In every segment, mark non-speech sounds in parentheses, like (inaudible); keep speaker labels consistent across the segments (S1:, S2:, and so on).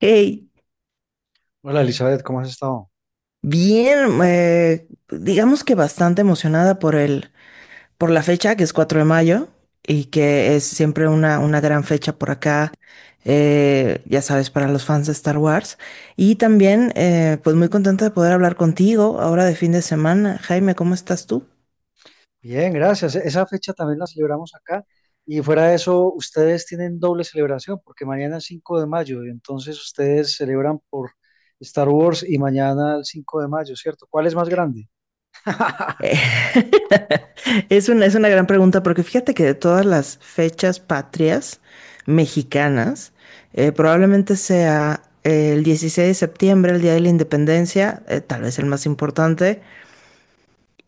S1: Hey,
S2: Hola Elizabeth, ¿cómo has estado?
S1: bien, digamos que bastante emocionada por por la fecha, que es 4 de mayo, y que es siempre una gran fecha por acá, ya sabes, para los fans de Star Wars. Y también, pues muy contenta de poder hablar contigo ahora de fin de semana. Jaime, ¿cómo estás tú?
S2: Bien, gracias. Esa fecha también la celebramos acá y fuera de eso, ustedes tienen doble celebración porque mañana es 5 de mayo y entonces ustedes celebran por Star Wars y mañana el 5 de mayo, ¿cierto? ¿Cuál es más grande?
S1: Eh, (laughs) es una gran pregunta porque fíjate que de todas las fechas patrias mexicanas, probablemente sea el 16 de septiembre, el Día de la Independencia, tal vez el más importante,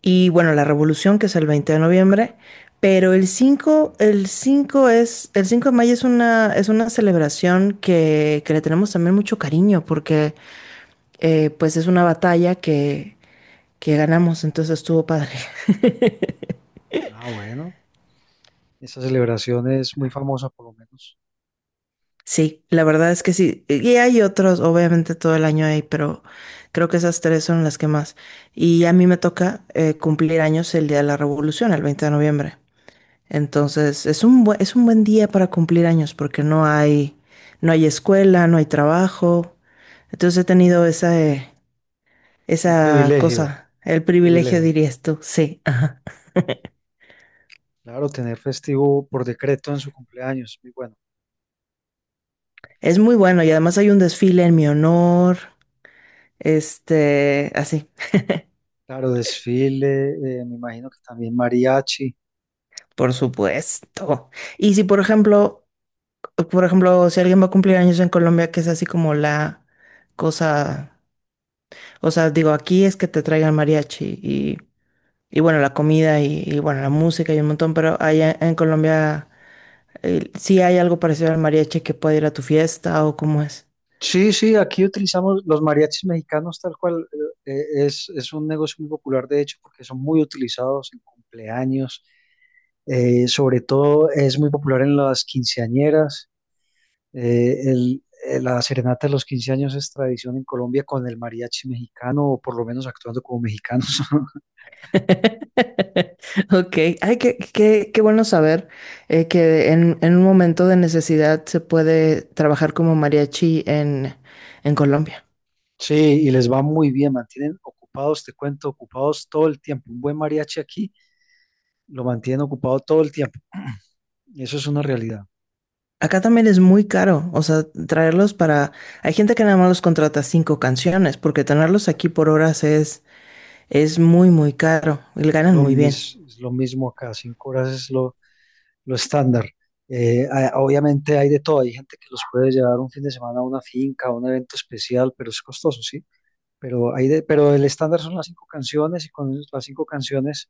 S1: y bueno, la Revolución, que es el 20 de noviembre, pero el 5 de mayo es una celebración que le tenemos también mucho cariño porque pues es una batalla que ganamos, entonces estuvo padre.
S2: Ah, bueno, esa celebración es muy famosa por lo menos.
S1: Sí, la verdad es que sí. Y hay otros, obviamente todo el año hay, pero creo que esas tres son las que más. Y a mí me toca cumplir años el día de la Revolución, el 20 de noviembre. Entonces, es un buen día para cumplir años porque no hay escuela, no hay trabajo. Entonces he tenido esa, eh,
S2: Un
S1: esa
S2: privilegio,
S1: cosa, el
S2: un
S1: privilegio,
S2: privilegio.
S1: dirías tú. Sí, ajá.
S2: Claro, tener festivo por decreto en su cumpleaños, muy bueno.
S1: Es muy bueno y además hay un desfile en mi honor. Este, así.
S2: Claro, desfile, me imagino que también mariachi.
S1: Por supuesto. Y si, por ejemplo, si alguien va a cumplir años en Colombia, que es así como la cosa, o sea, digo, aquí es que te traigan mariachi y bueno, la comida y bueno, la música y un montón, pero allá en Colombia, sí hay algo parecido al mariachi que puede ir a tu fiesta o cómo es.
S2: Sí, sí, aquí utilizamos los mariachis mexicanos tal cual. eh, es un negocio muy popular, de hecho, porque son muy utilizados en cumpleaños. Sobre todo es muy popular en las quinceañeras. La serenata de los quince años es tradición en Colombia con el mariachi mexicano, o por lo menos actuando como mexicanos. (laughs)
S1: (laughs) Ok, ay, qué bueno saber que en un momento de necesidad se puede trabajar como mariachi en Colombia.
S2: Sí, y les va muy bien, mantienen ocupados, te cuento, ocupados todo el tiempo. Un buen mariachi aquí lo mantienen ocupado todo el tiempo. Eso es una realidad.
S1: Acá también es muy caro, o sea, traerlos para. Hay gente que nada más los contrata cinco canciones, porque tenerlos aquí por horas es muy, muy caro. Y ganan muy bien.
S2: Es lo mismo acá, cinco horas es lo estándar. Obviamente hay de todo, hay gente que los puede llevar un fin de semana a una finca, a un evento especial, pero es costoso, sí. Pero el estándar son las cinco canciones y con las cinco canciones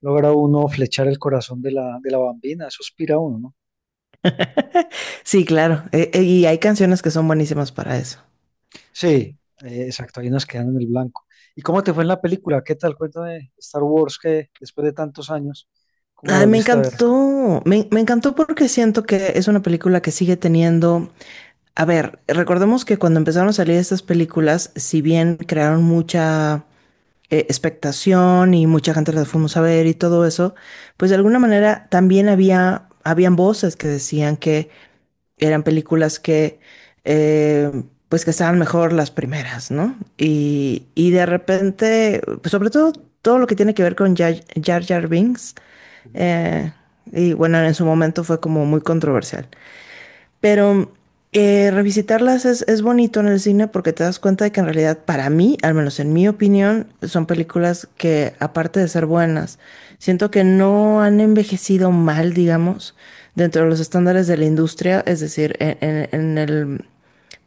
S2: logra uno flechar el corazón de de la bambina, eso aspira uno, ¿no?
S1: (laughs) Sí, claro. Y hay canciones que son buenísimas para eso.
S2: Sí, exacto, ahí nos quedan en el blanco. ¿Y cómo te fue en la película? ¿Qué tal? Cuéntame, Star Wars, que después de tantos años, ¿cómo la
S1: Ay, me
S2: volviste a ver?
S1: encantó. Me encantó porque siento que es una película que sigue teniendo. A ver, recordemos que cuando empezaron a salir estas películas, si bien crearon mucha expectación y mucha gente las fuimos a ver y todo eso, pues de alguna manera también había, habían voces que decían que eran películas eh, pues que estaban mejor las primeras, ¿no? Y de repente, pues sobre todo lo que tiene que ver con Jar Jar, Jar Binks,
S2: Ujú.
S1: eh, y bueno, en su momento fue como muy controversial. Pero revisitarlas es bonito en el cine porque te das cuenta de que en realidad para mí, al menos en mi opinión, son películas que aparte de ser buenas, siento que no han envejecido mal, digamos, dentro de los estándares de la industria, es decir, en el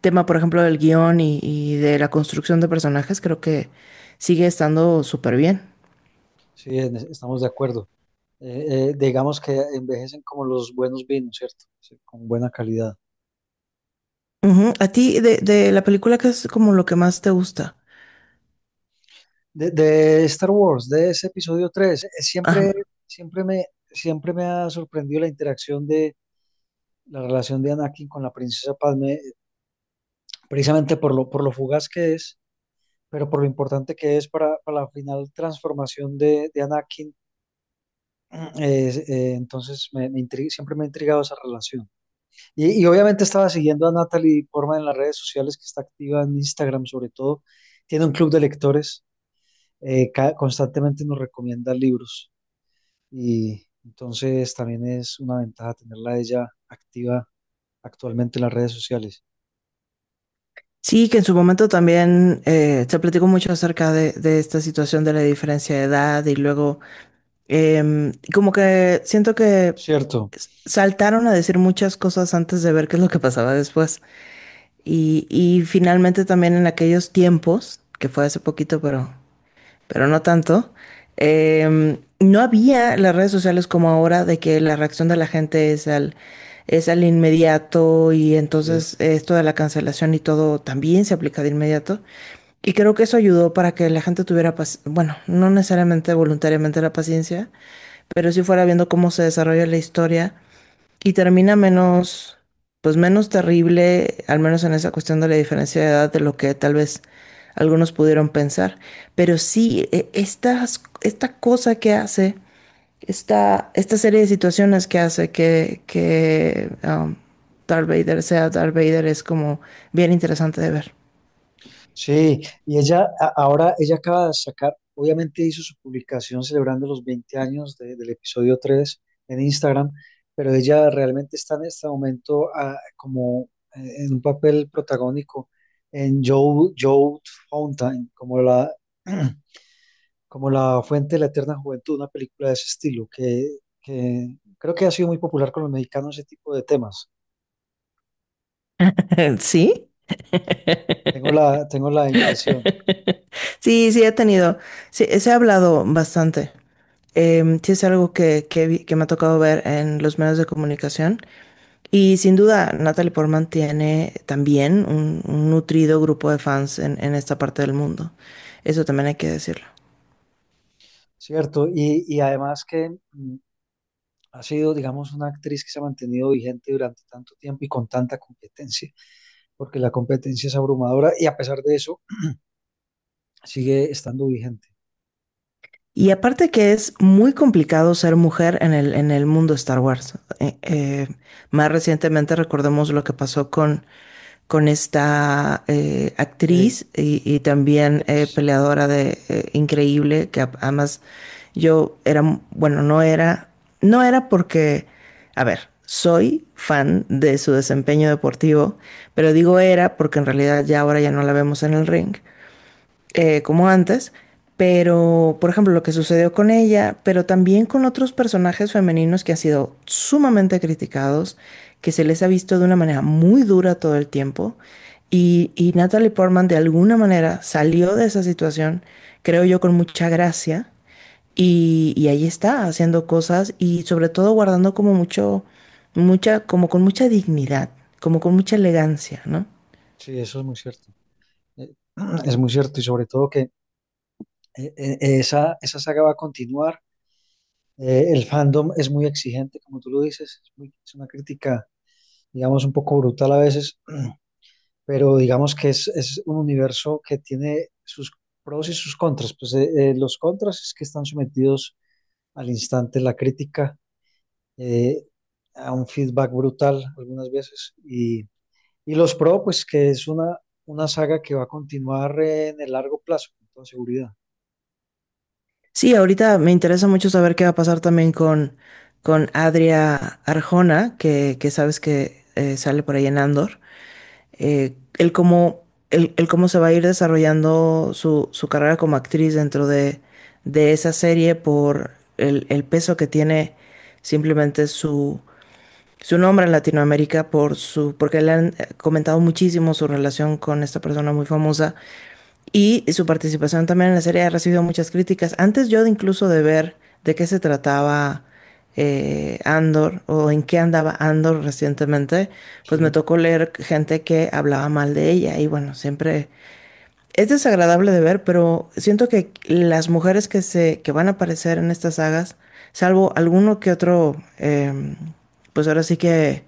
S1: tema, por ejemplo, del guión y de la construcción de personajes, creo que sigue estando súper bien.
S2: Estamos de acuerdo. Digamos que envejecen como los buenos vinos, ¿cierto? Sí, con buena calidad.
S1: Ujú. A ti, de la película, ¿qué es como lo que más te gusta?
S2: De Star Wars, de ese episodio 3,
S1: Ajá.
S2: siempre me, siempre me ha sorprendido la interacción de la relación de Anakin con la princesa Padme, precisamente por por lo fugaz que es, pero por lo importante que es para la final transformación de Anakin. (clears throat) Entonces, siempre me ha intrigado esa relación. Y obviamente estaba siguiendo a Natalie Portman en las redes sociales, que está activa en Instagram sobre todo. Tiene un club de lectores, constantemente nos recomienda libros. Y entonces también es una ventaja tenerla a ella activa actualmente en las redes sociales.
S1: Sí, que en su momento también se platicó mucho acerca de esta situación de la diferencia de edad y luego como que siento que
S2: Cierto.
S1: saltaron a decir muchas cosas antes de ver qué es lo que pasaba después. Y finalmente también en aquellos tiempos, que fue hace poquito, pero no tanto, no había las redes sociales como ahora de que la reacción de la gente es al inmediato y
S2: Sí.
S1: entonces esto de la cancelación y todo también se aplica de inmediato. Y creo que eso ayudó para que la gente tuviera, bueno, no necesariamente voluntariamente la paciencia, pero sí fuera viendo cómo se desarrolla la historia y termina menos, pues menos terrible, al menos en esa cuestión de la diferencia de edad de lo que tal vez algunos pudieron pensar. Pero sí, esta cosa que hace, esta serie de situaciones que hace que Darth Vader sea Darth Vader es como bien interesante de ver.
S2: Sí, ahora, ella acaba de sacar, obviamente hizo su publicación celebrando los 20 años del episodio 3 en Instagram, pero ella realmente está en este momento como en un papel protagónico en Joe Fountain, como (clears throat) como la fuente de la eterna juventud, una película de ese estilo, que creo que ha sido muy popular con los mexicanos ese tipo de temas.
S1: (laughs) ¿Sí?
S2: Tengo la impresión,
S1: Sí, sí, he tenido, sí, se ha hablado bastante. Sí, es algo que me ha tocado ver en los medios de comunicación. Y sin duda, Natalie Portman tiene también un nutrido grupo de fans en esta parte del mundo. Eso también hay que decirlo.
S2: ¿cierto? Y además que... ha sido, digamos, una actriz que se ha mantenido vigente durante tanto tiempo y con tanta competencia, porque la competencia es abrumadora y a pesar de eso sigue estando vigente.
S1: Y aparte que es muy complicado ser mujer en el mundo Star Wars. Más recientemente recordemos lo que pasó con esta
S2: Rey,
S1: actriz y también
S2: Ace,
S1: peleadora de increíble, que además yo era, bueno, no era porque, a ver, soy fan de su desempeño deportivo, pero digo era porque en realidad ya ahora ya no la vemos en el ring como antes, pero por ejemplo lo que sucedió con ella, pero también con otros personajes femeninos que han sido sumamente criticados, que se les ha visto de una manera muy dura todo el tiempo, y Natalie Portman de alguna manera salió de esa situación, creo yo, con mucha gracia, y ahí está haciendo cosas y sobre todo guardando como mucho, mucha, como con mucha dignidad, como con mucha elegancia, ¿no?
S2: sí, eso es muy cierto. Eh, (clears throat) es muy cierto y sobre todo que esa saga va a continuar. El fandom es muy exigente, como tú lo dices, es una crítica, digamos, un poco brutal a veces, pero digamos que es un universo que tiene sus pros y sus contras. Pues los contras es que están sometidos al instante la crítica, eh, a un feedback brutal algunas veces. Y los pro, pues que es una saga que va a continuar en el largo plazo, con toda seguridad.
S1: Sí, ahorita me interesa mucho saber qué va a pasar también con Adria Arjona, que sabes que sale por ahí en Andor. Eh, el cómo, el cómo se va a ir desarrollando su carrera como actriz dentro de esa serie por el peso que tiene simplemente su nombre en Latinoamérica, por porque le han comentado muchísimo su relación con esta persona muy famosa y su participación también en la serie ha recibido muchas críticas. Antes yo de incluso de ver de qué se trataba Andor o en qué andaba Andor recientemente, pues me
S2: Sí.
S1: tocó leer gente que hablaba mal de ella. Y bueno, siempre es desagradable de ver, pero siento que las mujeres que se, que van a aparecer en estas sagas, salvo alguno que otro, pues ahora sí que,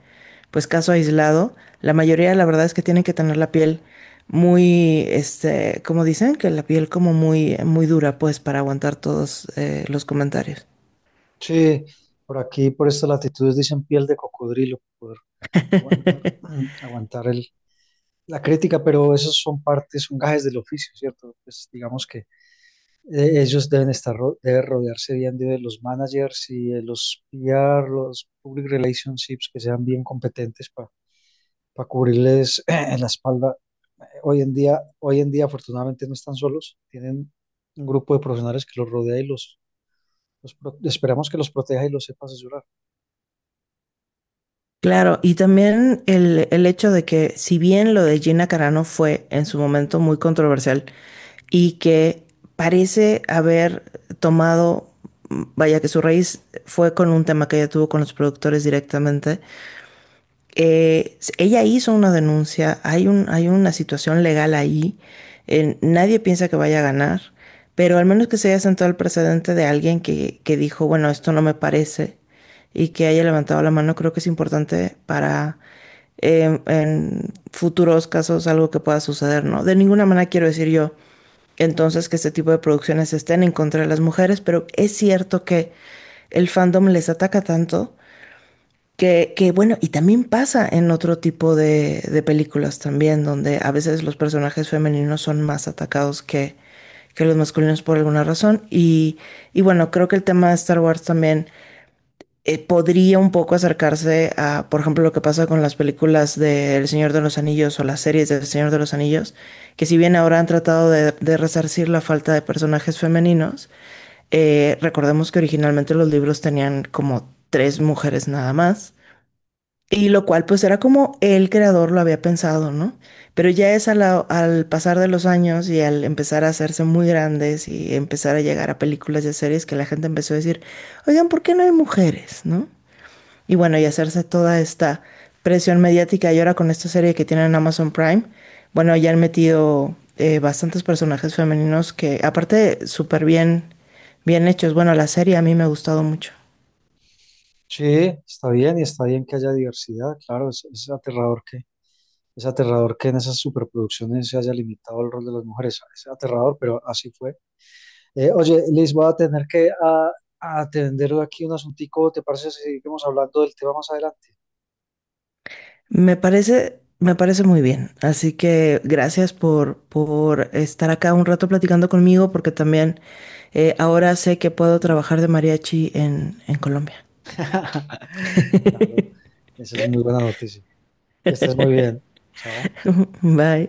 S1: pues caso aislado, la mayoría la verdad es que tienen que tener la piel muy, este, como dicen, que la piel como muy, muy dura, pues, para aguantar todos los comentarios.
S2: Sí, por aquí, por estas latitudes, dicen piel de cocodrilo, poder aguantar, (clears throat) aguantar la crítica, pero esos son partes, son gajes del oficio, ¿cierto? Pues digamos que ellos deben rodearse bien de los managers y de los PR, los public relationships que sean bien competentes para cubrirles (clears throat) en la espalda. Hoy en día afortunadamente no están solos, tienen un grupo de profesionales que los rodea y esperamos que los proteja y los sepa asesorar.
S1: Claro, y también el hecho de que si bien lo de Gina Carano fue en su momento muy controversial y que parece haber tomado, vaya que su raíz fue con un tema que ella tuvo con los productores directamente, ella hizo una denuncia, hay un, hay una situación legal ahí, nadie piensa que vaya a ganar, pero al menos que se haya sentado el precedente de alguien que dijo, bueno, esto no me parece, y que haya levantado la mano, creo que es importante para en futuros casos algo que pueda suceder, ¿no? De ninguna manera quiero decir yo entonces que este tipo de producciones estén en contra de las mujeres, pero es cierto que el fandom les ataca tanto que, bueno, y también pasa en otro tipo de películas también, donde a veces los personajes femeninos son más atacados que los masculinos por alguna razón. Y bueno, creo que el tema de Star Wars también podría un poco acercarse a, por ejemplo, lo que pasa con las películas de El Señor de los Anillos o las series de El Señor de los Anillos, que si bien ahora han tratado de resarcir la falta de personajes femeninos, recordemos que originalmente los libros tenían como tres mujeres nada más. Y lo cual pues era como el creador lo había pensado, ¿no? Pero ya es al pasar de los años y al empezar a hacerse muy grandes y empezar a llegar a películas y a series que la gente empezó a decir, oigan, ¿por qué no hay mujeres, no? Y bueno, y hacerse toda esta presión mediática y ahora con esta serie que tienen en Amazon Prime, bueno, ya han metido bastantes personajes femeninos que aparte súper bien, bien hechos. Bueno, la serie a mí me ha gustado mucho.
S2: Sí, está bien y está bien que haya diversidad, claro, es aterrador que en esas superproducciones se haya limitado el rol de las mujeres, es aterrador, pero así fue. Oye, Liz, voy a tener que a atender aquí un asuntico. ¿Te parece si seguimos hablando del tema más adelante?
S1: Me parece muy bien. Así que gracias por estar acá un rato platicando conmigo, porque también ahora sé que puedo trabajar de mariachi en Colombia.
S2: (laughs) Claro, esa es muy buena noticia. Que estés muy bien. Chao.
S1: (laughs) Bye.